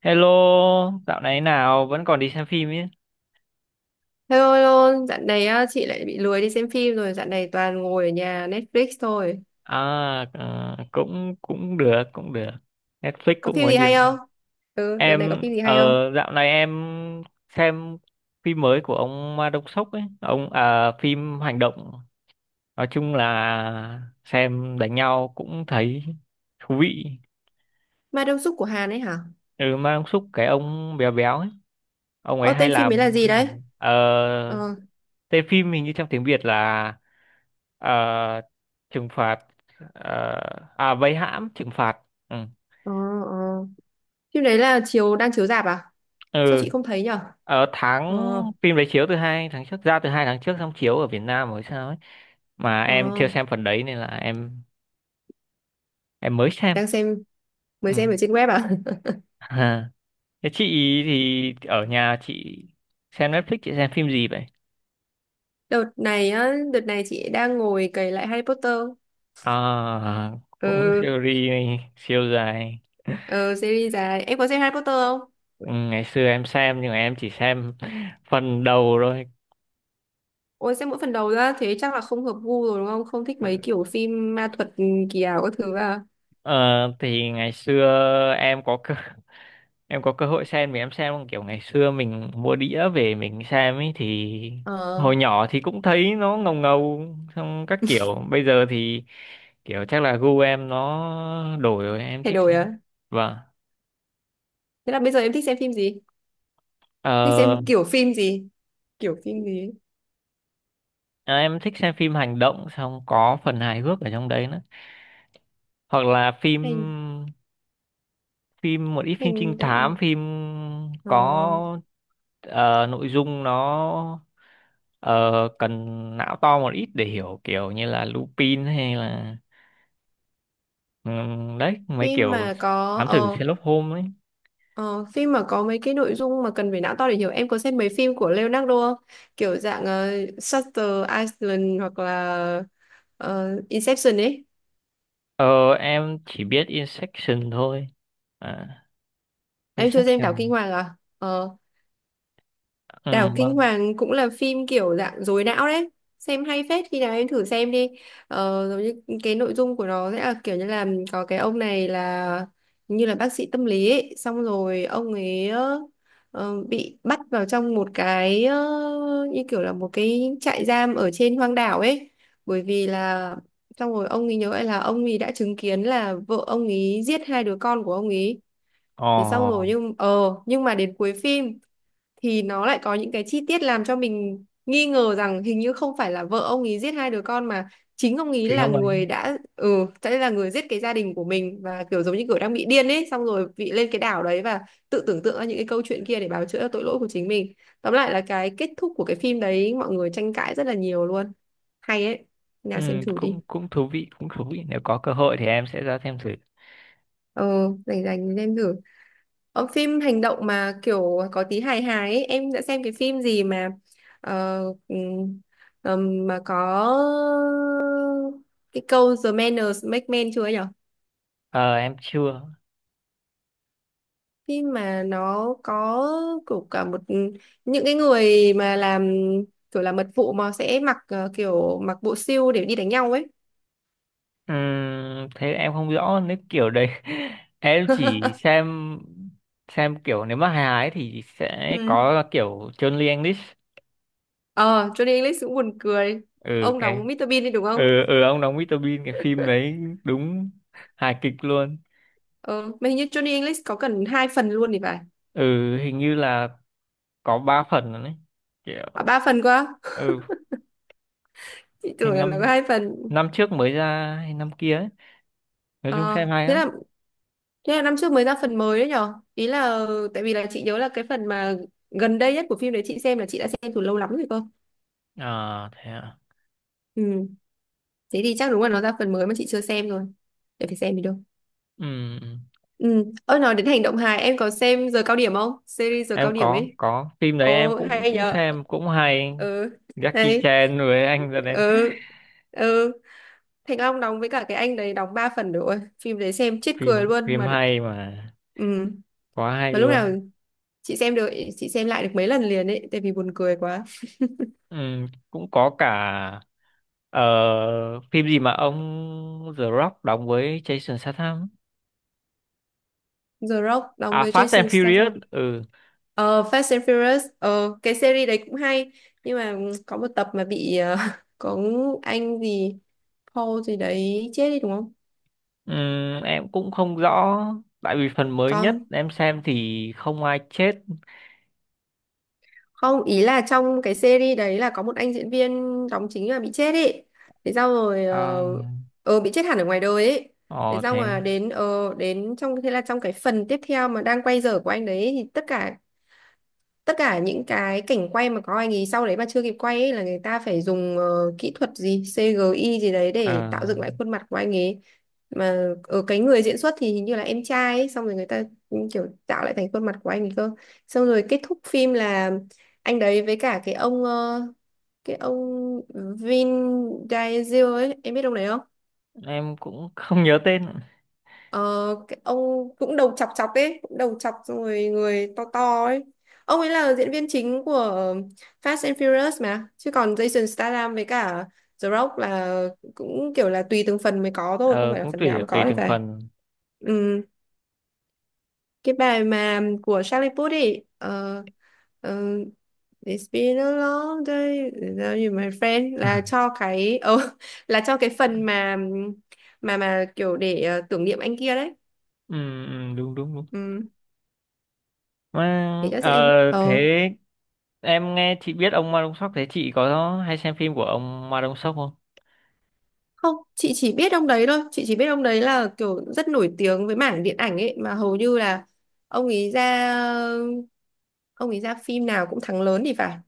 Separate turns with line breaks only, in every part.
Hello, dạo này nào vẫn còn đi xem phim ấy.
Thôi ôi ôi, dạo này á, chị lại bị lười đi xem phim rồi, dạo này toàn ngồi ở nhà Netflix thôi.
À, ờ, cũng cũng được, cũng được. Netflix
Có
cũng
phim
có
gì hay
nhiều.
không? Ừ, đợt này có
Em
phim gì
ờ
hay không?
dạo này em xem phim mới của ông Ma Đông Sốc ấy, ông à phim hành động. Nói chung là xem đánh nhau cũng thấy thú vị.
Ma Đông Súc của Hàn ấy hả?
Ừ, Ma Đông Sốc cái ông béo béo ấy, ông ấy
Ô,
hay
tên phim ấy là
làm
gì
phim
đấy?
hành động. Ờ,
Ờ.
tên phim hình như trong tiếng Việt là, Ờ, trừng phạt, ờ, à, vây hãm trừng phạt, ừ.
Ờ. Ờ. Phim đấy là chiếu đang chiếu rạp à?
Ừ,
Sao chị không thấy nhở?
ở
Ờ.
tháng phim đấy chiếu từ 2 tháng trước, ra từ 2 tháng trước, xong chiếu ở Việt Nam rồi sao ấy, mà em chưa
Ờ.
xem phần đấy nên là em mới xem.
Đang xem,
Ừ.
mới xem ở trên web à?
Ha. Thế chị, thì ở nhà chị xem Netflix, chị xem phim gì vậy?
Đợt này chị đang ngồi cày lại Harry Potter.
À, cũng
Ừ,
series siêu dài.
ừ, series dài. Em có xem Harry Potter không?
Ừ, ngày xưa em xem nhưng mà em chỉ xem phần đầu thôi.
Ôi xem mỗi phần đầu ra thế chắc là không hợp gu rồi đúng không? Không thích mấy kiểu phim ma thuật kỳ ảo các thứ à?
Ờ, thì ngày xưa em có cơ, em có cơ hội xem, thì em xem kiểu ngày xưa mình mua đĩa về mình xem ấy, thì
Ờ.
hồi nhỏ thì cũng thấy nó ngầu ngầu, xong các kiểu bây giờ thì kiểu chắc là gu em nó đổi rồi em
Thay
thích
đổi
xem.
à?
Vâng.
Thế là bây giờ em thích xem phim gì?
ờ,
Thích xem kiểu phim gì? Kiểu phim gì ấy?
À, em thích xem phim hành động xong có phần hài hước ở trong đấy nữa, hoặc là phim
Hành
phim một ít phim trinh
hành
thám,
động,
phim
ờ,
có, nội dung nó, ờ, cần não to một ít để hiểu, kiểu như là Lupin hay là, đấy mấy
phim
kiểu
mà có
thám tử
ờ,
Sherlock Holmes ấy.
ờ, phim mà có mấy cái nội dung mà cần phải não to để hiểu. Em có xem mấy phim của Leonardo không? Kiểu dạng Shutter Island hoặc là Inception ấy.
Ờ, em chỉ biết Inception thôi. À,
Em chưa xem Đảo Kinh
Inception.
Hoàng à? Ờ,
Ừ,
Đảo Kinh
vâng.
Hoàng cũng là phim kiểu dạng dối não đấy, xem hay phết, khi nào em thử xem đi. Ờ, giống như cái nội dung của nó sẽ là kiểu như là có cái ông này là như là bác sĩ tâm lý ấy. Xong rồi ông ấy bị bắt vào trong một cái, như kiểu là một cái trại giam ở trên hoang đảo ấy, bởi vì là xong rồi ông ấy nhớ lại là ông ấy đã chứng kiến là vợ ông ấy giết hai đứa con của ông ấy. Thế xong rồi
Ồ,
nhưng mà đến cuối phim thì nó lại có những cái chi tiết làm cho mình nghi ngờ rằng hình như không phải là vợ ông ấy giết hai đứa con, mà chính ông ấy
chính
là
ông ấy.
người đã, sẽ là người giết cái gia đình của mình, và kiểu giống như kiểu đang bị điên ấy, xong rồi bị lên cái đảo đấy và tự tưởng tượng ra những cái câu chuyện kia để bào chữa cho tội lỗi của chính mình. Tóm lại là cái kết thúc của cái phim đấy mọi người tranh cãi rất là nhiều luôn, hay ấy,
Ừ,
nào xem thử
cũng
đi.
cũng thú vị, cũng thú vị, nếu có cơ hội thì em sẽ ra xem thử.
Ờ rảnh rảnh thì xem thử. Phim hành động mà kiểu có tí hài hài ấy, em đã xem cái phim gì ờ, ừm, mà có cái câu The manners make men chưa ấy nhở?
Ờ, em chưa.
Phim mà nó có kiểu cả một những cái người mà làm kiểu là mật vụ mà sẽ mặc ờ, kiểu mặc bộ siêu để đi đánh nhau ấy.
Thế em không rõ nếu kiểu đấy, em chỉ xem kiểu, nếu mà hài ấy thì sẽ
Ừ.
có kiểu Johnny English.
Ờ, Johnny English cũng buồn cười.
Ừ,
Ông
cái.
đóng Mr. Bean đi đúng không?
Ừ, ừ, ông đóng Mr Bean cái phim đấy, đúng hài kịch luôn.
Ờ, mà hình như Johnny English có cần hai phần luôn thì phải.
Ừ, hình như là có 3 phần rồi đấy
À,
kiểu.
ba phần quá á?
Ừ,
Chị tưởng là nó có
năm
hai phần.
năm trước mới ra hay năm kia ấy, nói chung
Ờ,
xem hay
thế
lắm.
là thế là năm trước mới ra phần mới đấy nhở? Ý là tại vì là chị nhớ là cái phần mà gần đây nhất của phim đấy chị xem là chị đã xem từ lâu lắm rồi cơ.
À, thế à.
Ừ, thế thì chắc đúng là nó ra phần mới mà chị chưa xem rồi. Để phải xem đi đâu.
Ừ,
Ừ, ôi nói đến hành động hài em có xem giờ cao điểm không? Series giờ cao
em
điểm
có
ấy.
có phim đấy, em
Ồ
cũng
hay
cũng
nhở.
xem, cũng hay.
Ừ,
Jackie
hay.
Chan với anh ra đến.
Ừ. Ừ, Thành Long đóng với cả cái anh đấy đóng 3 phần rồi. Ôi, phim đấy xem chết cười
phim
luôn
phim
mà.
hay mà,
Ừ.
quá hay
Mà lúc nào
luôn.
chị xem được chị xem lại được mấy lần liền ấy tại vì buồn cười quá.
Ừ, cũng có cả, ờ, phim gì mà ông The Rock đóng với Jason Statham.
The Rock đóng
À,
với
Fast and
Jason
Furious.
Statham.
Ừ.
Fast and Furious. Ờ cái series đấy cũng hay, nhưng mà có một tập mà bị, có anh gì Paul gì đấy chết đi đúng không?
Em cũng không rõ tại vì phần mới nhất
Còn
em xem thì không ai chết.
không, ý là trong cái series đấy là có một anh diễn viên đóng chính là bị chết ấy, thế sau rồi
À,
bị chết hẳn ở ngoài đời ấy. Thế
ờ,
xong
thế
mà
đi.
đến trong thế là trong cái phần tiếp theo mà đang quay dở của anh đấy thì tất cả những cái cảnh quay mà có anh ấy sau đấy mà chưa kịp quay ấy là người ta phải dùng, kỹ thuật gì CGI gì đấy để
Ờ,
tạo dựng lại khuôn mặt của anh ấy, mà ở cái người diễn xuất thì hình như là em trai ấy, xong rồi người ta cũng kiểu tạo lại thành khuôn mặt của anh ấy cơ. Xong rồi kết thúc phim là anh đấy với cả cái ông Vin Diesel ấy, em biết ông đấy không?
em cũng không nhớ tên.
Ờ, cái ông cũng đầu chọc chọc ấy, cũng đầu chọc xong rồi người to to ấy. Ông ấy là diễn viên chính của Fast and Furious mà, chứ còn Jason Statham với cả The Rock là cũng kiểu là tùy từng phần mới có thôi, không
Ờ,
phải là
cũng
phần
tùy
nào cũng có
tùy
thì
từng
phải.
phần.
Ừ, cái bài mà của Charlie Puth ấy, ờ, It's been a long day without you, my friend là cho cái, là cho cái
Ừ,
phần mà kiểu để tưởng niệm anh kia đấy.
ừ, đúng đúng đúng
Ừ. để
mà.
cho sẽ
ờ,
ờ
Thế em nghe chị biết ông Ma Đông Sóc, thế chị có hay xem phim của ông Ma Đông Sóc không?
Không, chị chỉ biết ông đấy thôi, chị chỉ biết ông đấy là kiểu rất nổi tiếng với mảng điện ảnh ấy, mà hầu như là ông ấy ra ông ấy ra phim nào cũng thắng lớn thì phải.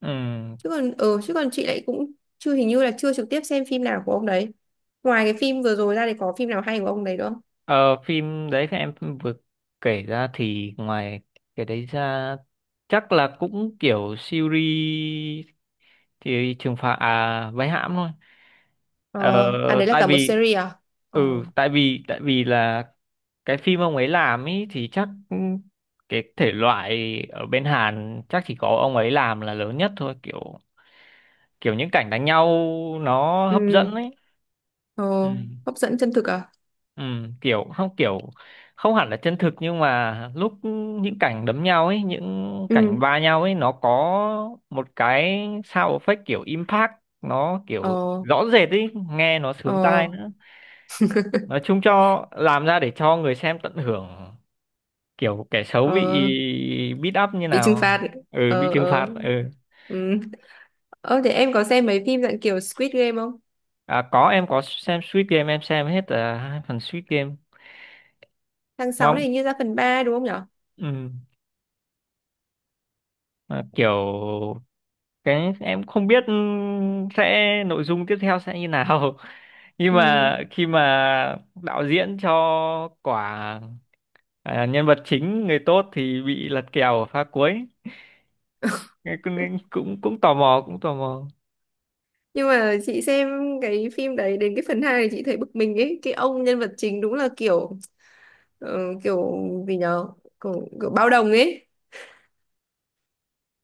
Ừ.
Chứ còn chị lại cũng chưa hình như là chưa trực tiếp xem phim nào của ông đấy. Ngoài cái phim vừa rồi ra thì có phim nào hay của ông đấy nữa không?
Ờ, phim đấy các em vừa kể ra, thì ngoài cái đấy ra chắc là cũng kiểu series, thì trừng phạt, à, vây hãm thôi. Ờ,
Ờ. À, đấy là
tại
cả một
vì,
series à? Ờ.
ừ, tại vì là cái phim ông ấy làm ý thì chắc cái thể loại ở bên Hàn chắc chỉ có ông ấy làm là lớn nhất thôi, kiểu kiểu những cảnh đánh nhau nó hấp dẫn
Ừ.
ấy.
Ờ.
Ừ.
Hấp dẫn chân thực à?
Ừ, kiểu không hẳn là chân thực, nhưng mà lúc những cảnh đấm nhau ấy, những cảnh
Ừ.
va nhau ấy, nó có một cái sound effect kiểu impact, nó kiểu
Ờ.
rõ rệt ấy, nghe nó sướng
Ờ.
tai nữa. Nói chung cho làm ra để cho người xem tận hưởng kiểu kẻ xấu bị
Ờ.
beat up như
Bị trừng
nào.
phạt.
Ừ, bị
Ờ.
trừng
Ờ.
phạt. Ừ.
Ừ. Ơ thế em có xem mấy phim dạng kiểu Squid Game không?
À, có, em có xem Squid Game, em xem hết, 2 phần Squid Game.
Tháng 6 này
Mong.
hình như ra phần 3 đúng không nhở?
Ừ, mà kiểu, cái em không biết, ừ, sẽ nội dung tiếp theo sẽ như nào, nhưng
Ừ.
mà khi mà đạo diễn cho quả, à, nhân vật chính người tốt thì bị lật kèo ở pha cuối. Cái cũng, cũng tò mò, cũng tò mò.
Nhưng mà chị xem cái phim đấy đến cái phần 2 thì chị thấy bực mình ấy, cái ông nhân vật chính đúng là kiểu, ờ, kiểu gì nhở? Kiểu, kiểu bao đồng ấy,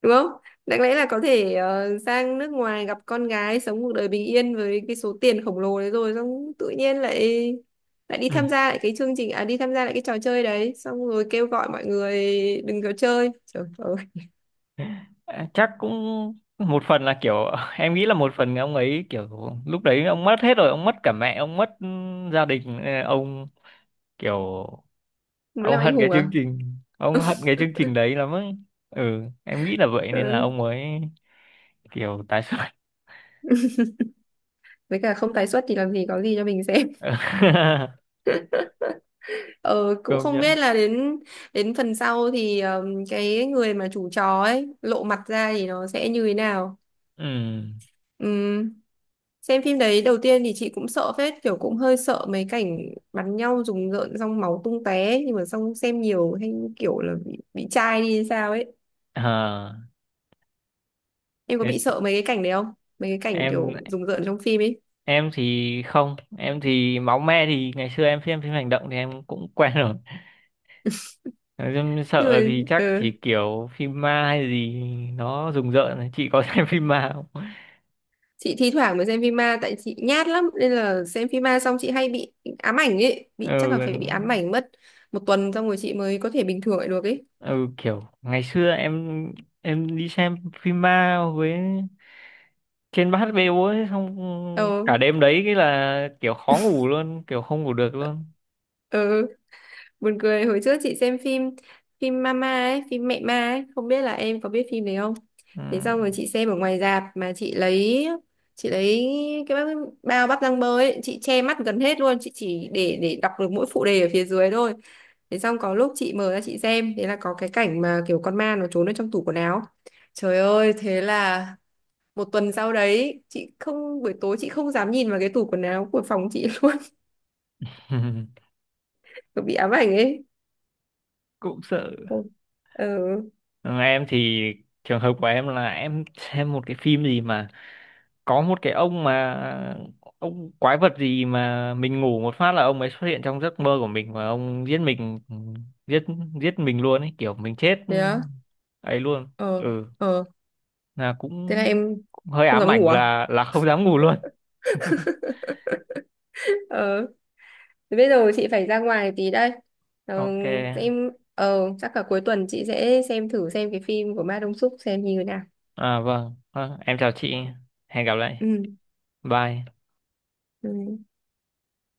đúng không? Đáng lẽ là có thể sang nước ngoài gặp con gái sống cuộc đời bình yên với cái số tiền khổng lồ đấy, rồi xong tự nhiên lại lại đi
Ừ.
tham gia lại cái chương trình, à đi tham gia lại cái trò chơi đấy xong rồi kêu gọi mọi người đừng có chơi. Trời ơi,
À, chắc cũng một phần là kiểu, em nghĩ là một phần ông ấy kiểu lúc đấy ông mất hết rồi, ông mất cả mẹ, ông mất gia đình, ông kiểu,
muốn
ông
làm anh
hận cái
hùng
chương
à?
trình, ông hận cái chương trình đấy lắm ấy. Ừ, em nghĩ là vậy nên là
Ừ.
ông mới kiểu tái xuất.
Với cả không tái xuất thì làm gì có gì cho mình xem. Ờ, Cũng
Công
không
nhận.
biết là đến đến phần sau thì, cái người mà chủ chó ấy lộ mặt ra thì nó sẽ như thế nào.
Ừ.
Ừm, Xem phim đấy đầu tiên thì chị cũng sợ phết, kiểu cũng hơi sợ mấy cảnh bắn nhau rùng rợn xong máu tung tóe ấy, nhưng mà xong xem nhiều hay kiểu là bị chai đi hay sao ấy.
À,
Em có
thế
bị sợ mấy cái cảnh đấy không? Mấy cái cảnh kiểu
em
rùng rợn trong phim ấy.
em thì không, em thì máu me thì ngày xưa em xem phim hành động thì em cũng quen rồi, em
Nhưng
sợ thì chắc
mà
chỉ
ừ.
kiểu phim ma hay gì nó rùng rợn thôi. Chị có xem phim ma không?
chị thi thoảng mới xem phim ma tại chị nhát lắm nên là xem phim ma xong chị hay bị ám ảnh ấy, bị chắc là phải bị ám
Ừ,
ảnh mất một tuần, xong rồi chị mới có thể bình thường lại được ấy.
ừ, kiểu ngày xưa em đi xem phim ma với trên bát bêu ấy không,
ờ
cả đêm đấy cái là kiểu khó ngủ luôn, kiểu không ngủ được luôn.
ừ. Buồn cười, hồi trước chị xem phim phim Mama ấy, phim mẹ ma ấy, không biết là em có biết phim đấy không?
Ừ.
Thế xong rồi chị xem ở ngoài rạp mà chị lấy cái bao bắp rang bơ ấy, chị che mắt gần hết luôn, chị chỉ để đọc được mỗi phụ đề ở phía dưới thôi. Thế xong có lúc chị mở ra chị xem, thế là có cái cảnh mà kiểu con ma nó trốn ở trong tủ quần áo. Trời ơi, thế là một tuần sau đấy, chị không buổi tối chị không dám nhìn vào cái tủ quần áo của phòng chị luôn, bị ám ảnh ấy.
Cũng sợ.
Ừ.
Ừ, em thì trường hợp của em là em xem một cái phim gì mà có một cái ông mà ông quái vật gì mà mình ngủ một phát là ông ấy xuất hiện trong giấc mơ của mình và ông giết mình. Ừ, giết giết mình luôn ấy, kiểu mình chết
Ừ.
ấy luôn.
Ờ.
Ừ,
Ờ.
là
Thế là
cũng,
em
cũng hơi
không
ám
dám
ảnh,
ngủ à?
là không dám ngủ luôn.
ờ Thế bây giờ chị phải ra ngoài tí đây. ờ,
Ok.
em, chắc cả cuối tuần chị sẽ xem thử xem cái phim của Ma Đông Súc xem như thế nào.
À vâng, em chào chị, hẹn gặp lại.
Ừ.
Bye.
Ừ.